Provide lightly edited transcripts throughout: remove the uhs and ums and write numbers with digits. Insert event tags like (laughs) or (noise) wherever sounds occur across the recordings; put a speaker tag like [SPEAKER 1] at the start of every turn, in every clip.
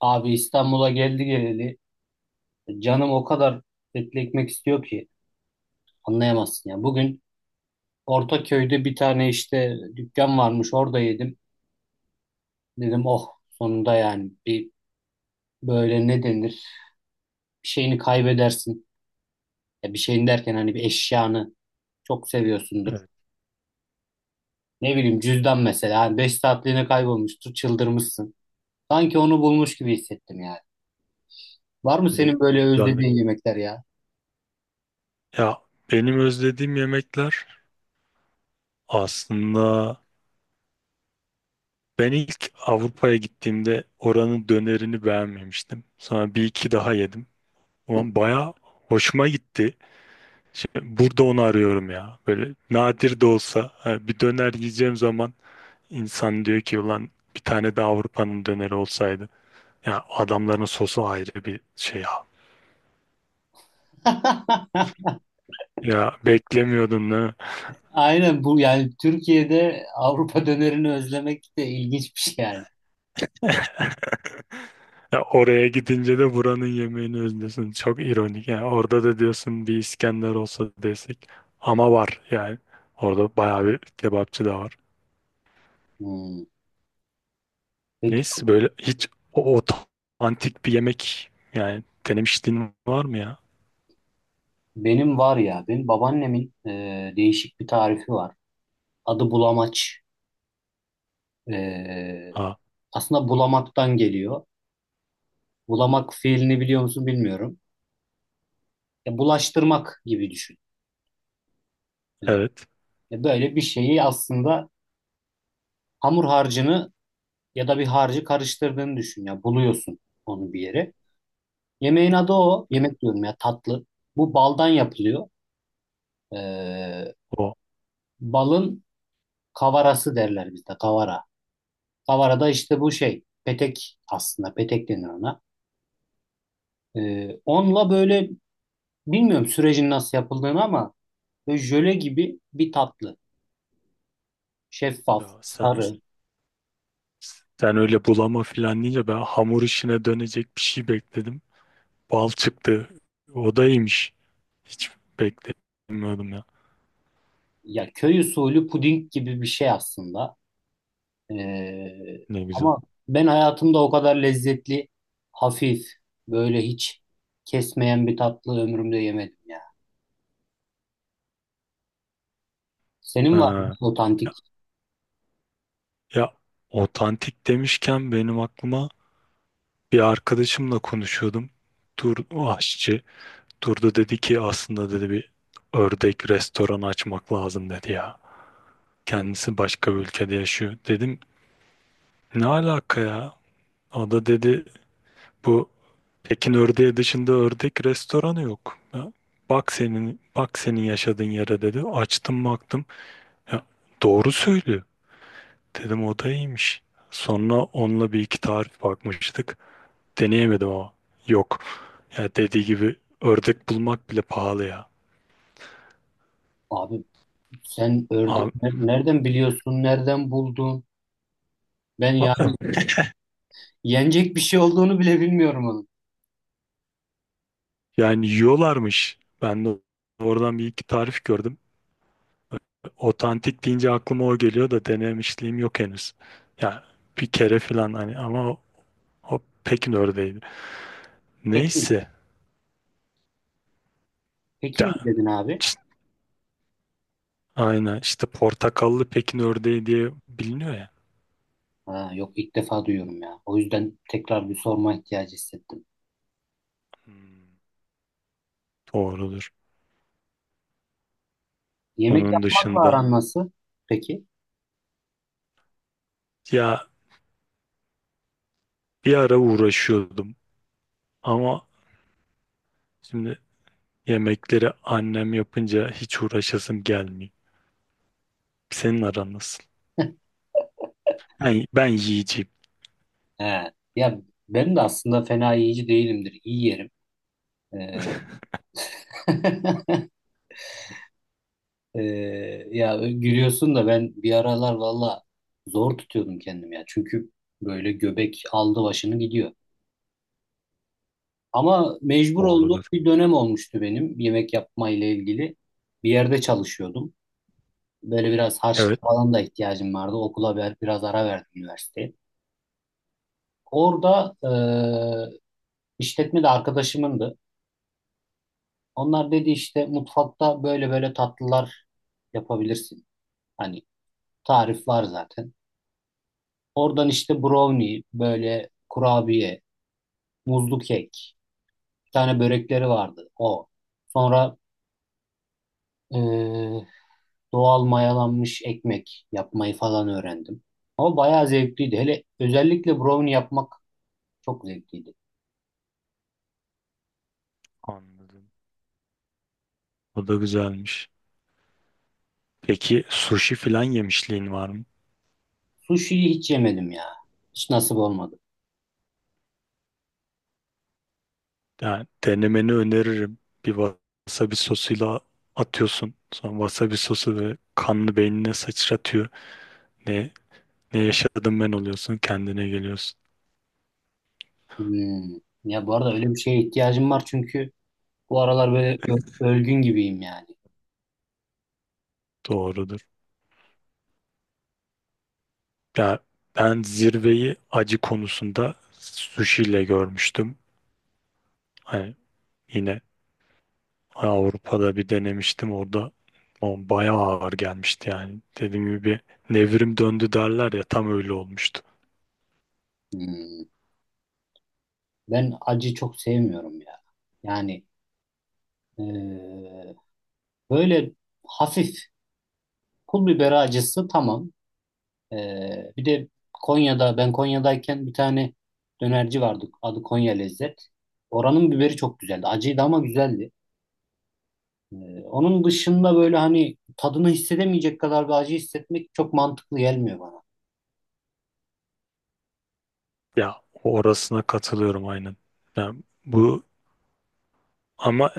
[SPEAKER 1] Abi İstanbul'a geldi geleli canım o kadar etli ekmek istiyor ki anlayamazsın ya. Bugün Ortaköy'de bir tane işte dükkan varmış orada yedim. Dedim oh sonunda yani bir böyle ne denir bir şeyini kaybedersin. Ya bir şeyini derken hani bir eşyanı çok seviyorsundur.
[SPEAKER 2] Evet,
[SPEAKER 1] Ne bileyim cüzdan mesela hani 5 saatliğine kaybolmuştur çıldırmışsın. Sanki onu bulmuş gibi hissettim yani. Var mı
[SPEAKER 2] ne,
[SPEAKER 1] senin
[SPEAKER 2] ne
[SPEAKER 1] böyle
[SPEAKER 2] güzel.
[SPEAKER 1] özlediğin yemekler ya?
[SPEAKER 2] Ya benim özlediğim yemekler aslında ben ilk Avrupa'ya gittiğimde oranın dönerini beğenmemiştim. Sonra bir iki daha yedim. Ama baya hoşuma gitti. Şimdi burada onu arıyorum ya. Böyle nadir de olsa ha, bir döner yiyeceğim zaman insan diyor ki ulan bir tane de Avrupa'nın döneri olsaydı. Ya adamların sosu ayrı bir şey ya.
[SPEAKER 1] (laughs)
[SPEAKER 2] Ya beklemiyordun değil mi?
[SPEAKER 1] Aynen bu yani Türkiye'de Avrupa (laughs) dönerini özlemek de ilginç bir şey yani.
[SPEAKER 2] (laughs) Ya oraya gidince de buranın yemeğini özlüyorsun. Çok ironik. Yani orada da diyorsun bir İskender olsa desek. Ama var yani. Orada bayağı bir kebapçı da var.
[SPEAKER 1] Hmm. Peki,
[SPEAKER 2] Neyse böyle hiç o antik bir yemek yani denemişliğin var mı ya?
[SPEAKER 1] benim var ya, benim babaannemin değişik bir tarifi var. Adı bulamaç. E,
[SPEAKER 2] Ha,
[SPEAKER 1] aslında bulamaktan geliyor. Bulamak fiilini biliyor musun bilmiyorum. Ya, bulaştırmak gibi düşün. E,
[SPEAKER 2] evet.
[SPEAKER 1] ya böyle bir şeyi aslında hamur harcını ya da bir harcı karıştırdığını düşün. Ya buluyorsun onu bir yere. Yemeğin adı o.
[SPEAKER 2] Hı.
[SPEAKER 1] Yemek diyorum ya, tatlı. Bu baldan yapılıyor. Ee,
[SPEAKER 2] O
[SPEAKER 1] balın kavarası derler bizde, kavara. Kavara da işte bu şey petek, aslında petek denir ona. Onunla böyle bilmiyorum sürecin nasıl yapıldığını, ama böyle jöle gibi bir tatlı.
[SPEAKER 2] ya
[SPEAKER 1] Şeffaf,
[SPEAKER 2] sen,
[SPEAKER 1] sarı.
[SPEAKER 2] sen öyle bulama filan deyince ben hamur işine dönecek bir şey bekledim. Bal çıktı. O da iyiymiş. Hiç beklemiyordum ya.
[SPEAKER 1] Ya köy usulü puding gibi bir şey aslında.
[SPEAKER 2] Ne güzel.
[SPEAKER 1] Ama ben hayatımda o kadar lezzetli, hafif, böyle hiç kesmeyen bir tatlı ömrümde yemedim ya. Senin var mı
[SPEAKER 2] Ha.
[SPEAKER 1] otantik?
[SPEAKER 2] Ya otantik demişken benim aklıma bir arkadaşımla konuşuyordum. Tur o aşçı. Turda dedi ki aslında dedi bir ördek restoranı açmak lazım dedi ya. Kendisi başka bir ülkede yaşıyor. Dedim ne alaka ya? O da dedi bu Pekin ördeği dışında ördek restoranı yok. Ya, bak senin bak senin yaşadığın yere dedi. Açtım baktım. Ya, doğru söylüyor. Dedim o da iyiymiş. Sonra onunla bir iki tarif bakmıştık. Deneyemedim ama. Yok. Ya dediği gibi ördek bulmak bile pahalı ya.
[SPEAKER 1] Abi, sen ördeği
[SPEAKER 2] A-
[SPEAKER 1] nereden biliyorsun? Nereden buldun? Ben yani
[SPEAKER 2] a-
[SPEAKER 1] yenecek bir şey olduğunu bile bilmiyorum onun.
[SPEAKER 2] yani yiyorlarmış. Ben de oradan bir iki tarif gördüm. Otantik deyince aklıma o geliyor da denemişliğim yok henüz. Ya bir kere falan hani ama o Pekin ördeğiydi.
[SPEAKER 1] Pekin.
[SPEAKER 2] Neyse.
[SPEAKER 1] Pekin
[SPEAKER 2] Ya,
[SPEAKER 1] mi dedin abi?
[SPEAKER 2] işte- aynen işte portakallı Pekin ördeği diye biliniyor ya.
[SPEAKER 1] Ha, yok, ilk defa duyuyorum ya. O yüzden tekrar bir sorma ihtiyacı hissettim.
[SPEAKER 2] Hmm, doğrudur.
[SPEAKER 1] Yemek
[SPEAKER 2] Onun
[SPEAKER 1] yapmakla
[SPEAKER 2] dışında
[SPEAKER 1] aran nasıl? Peki.
[SPEAKER 2] ya bir ara uğraşıyordum ama şimdi yemekleri annem yapınca hiç uğraşasım gelmiyor. Senin aran nasıl? Ben yiyeceğim.
[SPEAKER 1] He. Ya ben de aslında fena yiyici değilimdir. İyi yerim. Ee, (laughs) Ee, ya gülüyorsun da ben bir aralar valla zor tutuyordum kendim ya. Çünkü böyle göbek aldı başını gidiyor. Ama mecbur olduğum
[SPEAKER 2] Doğrudur.
[SPEAKER 1] bir dönem olmuştu benim yemek yapma ile ilgili. Bir yerde çalışıyordum. Böyle biraz
[SPEAKER 2] Evet.
[SPEAKER 1] harçlık falan da ihtiyacım vardı. Okula biraz ara verdim üniversiteye. Orada işletme de arkadaşımındı. Onlar dedi işte mutfakta böyle böyle tatlılar yapabilirsin. Hani tarif var zaten. Oradan işte brownie, böyle kurabiye, muzlu kek, bir tane börekleri vardı o. Sonra doğal mayalanmış ekmek yapmayı falan öğrendim. Ama bayağı zevkliydi. Hele özellikle brownie yapmak çok zevkliydi.
[SPEAKER 2] Anladım. O da güzelmiş. Peki sushi falan yemişliğin var mı?
[SPEAKER 1] Sushi'yi hiç yemedim ya. Hiç nasip olmadı.
[SPEAKER 2] Yani denemeni öneririm. Bir wasabi sosuyla atıyorsun. Sonra wasabi sosu ve kanlı beynine sıçratıyor. Ne, ne yaşadım ben oluyorsun. Kendine geliyorsun.
[SPEAKER 1] Hmm. Ya bu arada öyle bir şeye ihtiyacım var, çünkü bu aralar böyle ölgün gibiyim yani.
[SPEAKER 2] Doğrudur. Ya ben zirveyi acı konusunda sushi ile görmüştüm. Hani yine Avrupa'da bir denemiştim orada. O bayağı ağır gelmişti yani. Dediğim gibi bir nevrim döndü derler ya tam öyle olmuştu.
[SPEAKER 1] Hmm. Ben acı çok sevmiyorum ya. Yani eee, böyle hafif pul biber acısı tamam. Bir de Konya'da, ben Konya'dayken bir tane dönerci vardı. Adı Konya Lezzet. Oranın biberi çok güzeldi. Acıydı ama güzeldi. Ee, onun dışında böyle hani tadını hissedemeyecek kadar bir acı hissetmek çok mantıklı gelmiyor bana.
[SPEAKER 2] Ya orasına katılıyorum aynen. Yani bu ama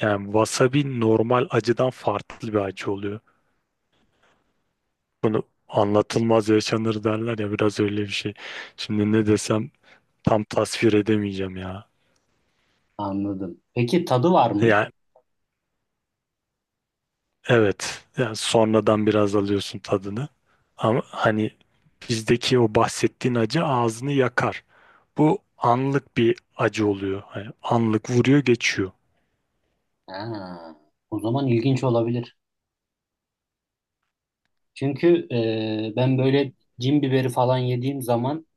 [SPEAKER 2] yani wasabi normal acıdan farklı bir acı oluyor. Bunu anlatılmaz yaşanır derler ya biraz öyle bir şey. Şimdi ne desem tam tasvir edemeyeceğim ya.
[SPEAKER 1] Anladım. Peki tadı var mı?
[SPEAKER 2] Yani evet. Yani sonradan biraz alıyorsun tadını. Ama hani bizdeki o bahsettiğin acı ağzını yakar. Bu anlık bir acı oluyor. Hani anlık vuruyor geçiyor.
[SPEAKER 1] Ha, o zaman ilginç olabilir. Çünkü ben böyle cin biberi falan yediğim zaman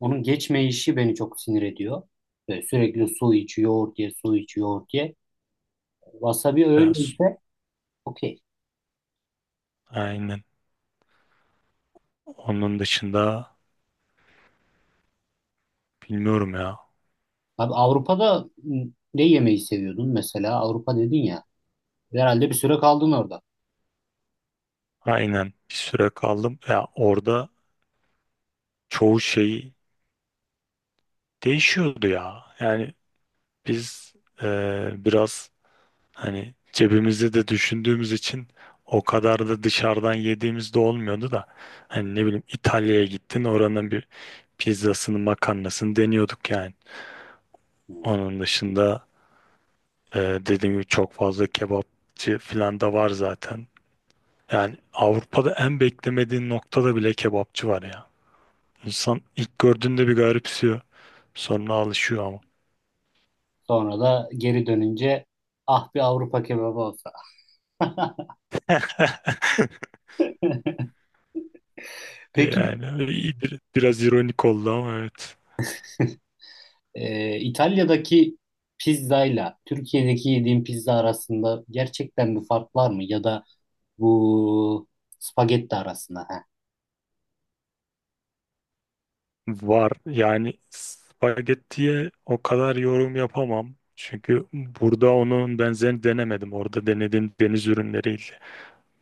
[SPEAKER 1] onun geçmeyişi beni çok sinir ediyor. Böyle sürekli su iç, yoğurt ye, su iç, yoğurt ye. Wasabi
[SPEAKER 2] Biraz.
[SPEAKER 1] öyleyse okey.
[SPEAKER 2] Aynen. Onun dışında bilmiyorum ya.
[SPEAKER 1] Abi, Avrupa'da ne yemeği seviyordun mesela? Avrupa dedin ya. Herhalde bir süre kaldın orada.
[SPEAKER 2] Aynen. Bir süre kaldım. Ya orada çoğu şey değişiyordu ya. Yani biz biraz hani cebimizde de düşündüğümüz için o kadar da dışarıdan yediğimiz de olmuyordu da hani ne bileyim İtalya'ya gittin oranın bir pizzasını makarnasını deniyorduk yani.
[SPEAKER 1] Hmm.
[SPEAKER 2] Onun dışında dediğim gibi çok fazla kebapçı falan da var zaten. Yani Avrupa'da en beklemediğin noktada bile kebapçı var ya. İnsan ilk gördüğünde bir garipsiyor. Sonra alışıyor ama.
[SPEAKER 1] Sonra da geri dönünce, ah bir Avrupa kebabı olsa. (laughs)
[SPEAKER 2] (laughs)
[SPEAKER 1] Peki
[SPEAKER 2] Yani biraz ironik oldu ama evet.
[SPEAKER 1] İtalya'daki pizzayla Türkiye'deki yediğin pizza arasında gerçekten bir fark var mı? Ya da bu spagetti arasında. He.
[SPEAKER 2] Var. Yani spagettiye o kadar yorum yapamam. Çünkü burada onun benzerini denemedim. Orada denediğim deniz ürünleriyle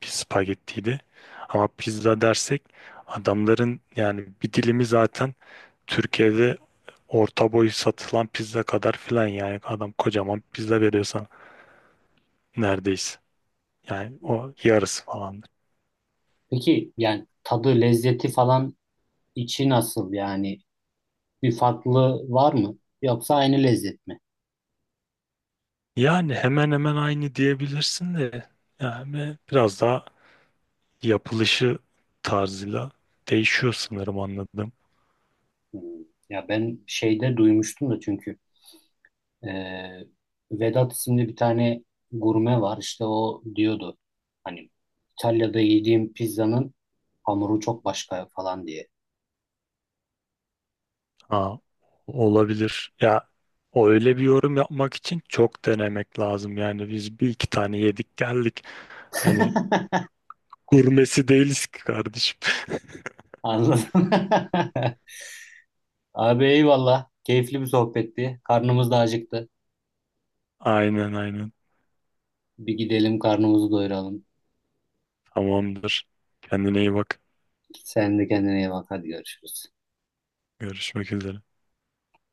[SPEAKER 2] bir spagettiydi. Ama pizza dersek adamların yani bir dilimi zaten Türkiye'de orta boy satılan pizza kadar filan yani adam kocaman pizza veriyor sana neredeyse. Yani o yarısı falan.
[SPEAKER 1] Peki yani tadı, lezzeti falan, içi nasıl yani? Bir farklı var mı? Yoksa aynı lezzet mi?
[SPEAKER 2] Yani hemen hemen aynı diyebilirsin de yani biraz daha yapılışı tarzıyla değişiyor sanırım anladım.
[SPEAKER 1] Hmm. Ya ben şeyde duymuştum da, çünkü e, Vedat isimli bir tane gurme var, işte o diyordu hani İtalya'da yediğim pizzanın hamuru çok başka falan diye.
[SPEAKER 2] Ha, olabilir. Ya o öyle bir yorum yapmak için çok denemek lazım. Yani biz bir iki tane yedik geldik. Hani
[SPEAKER 1] (laughs)
[SPEAKER 2] gurmesi değiliz ki kardeşim. (laughs)
[SPEAKER 1] Anladım. (laughs) Abi eyvallah. Keyifli bir sohbetti. Karnımız da acıktı.
[SPEAKER 2] Aynen, aynen.
[SPEAKER 1] Bir gidelim karnımızı doyuralım.
[SPEAKER 2] Tamamdır. Kendine iyi bak.
[SPEAKER 1] Sen de kendine iyi bak. Hadi görüşürüz.
[SPEAKER 2] Görüşmek üzere.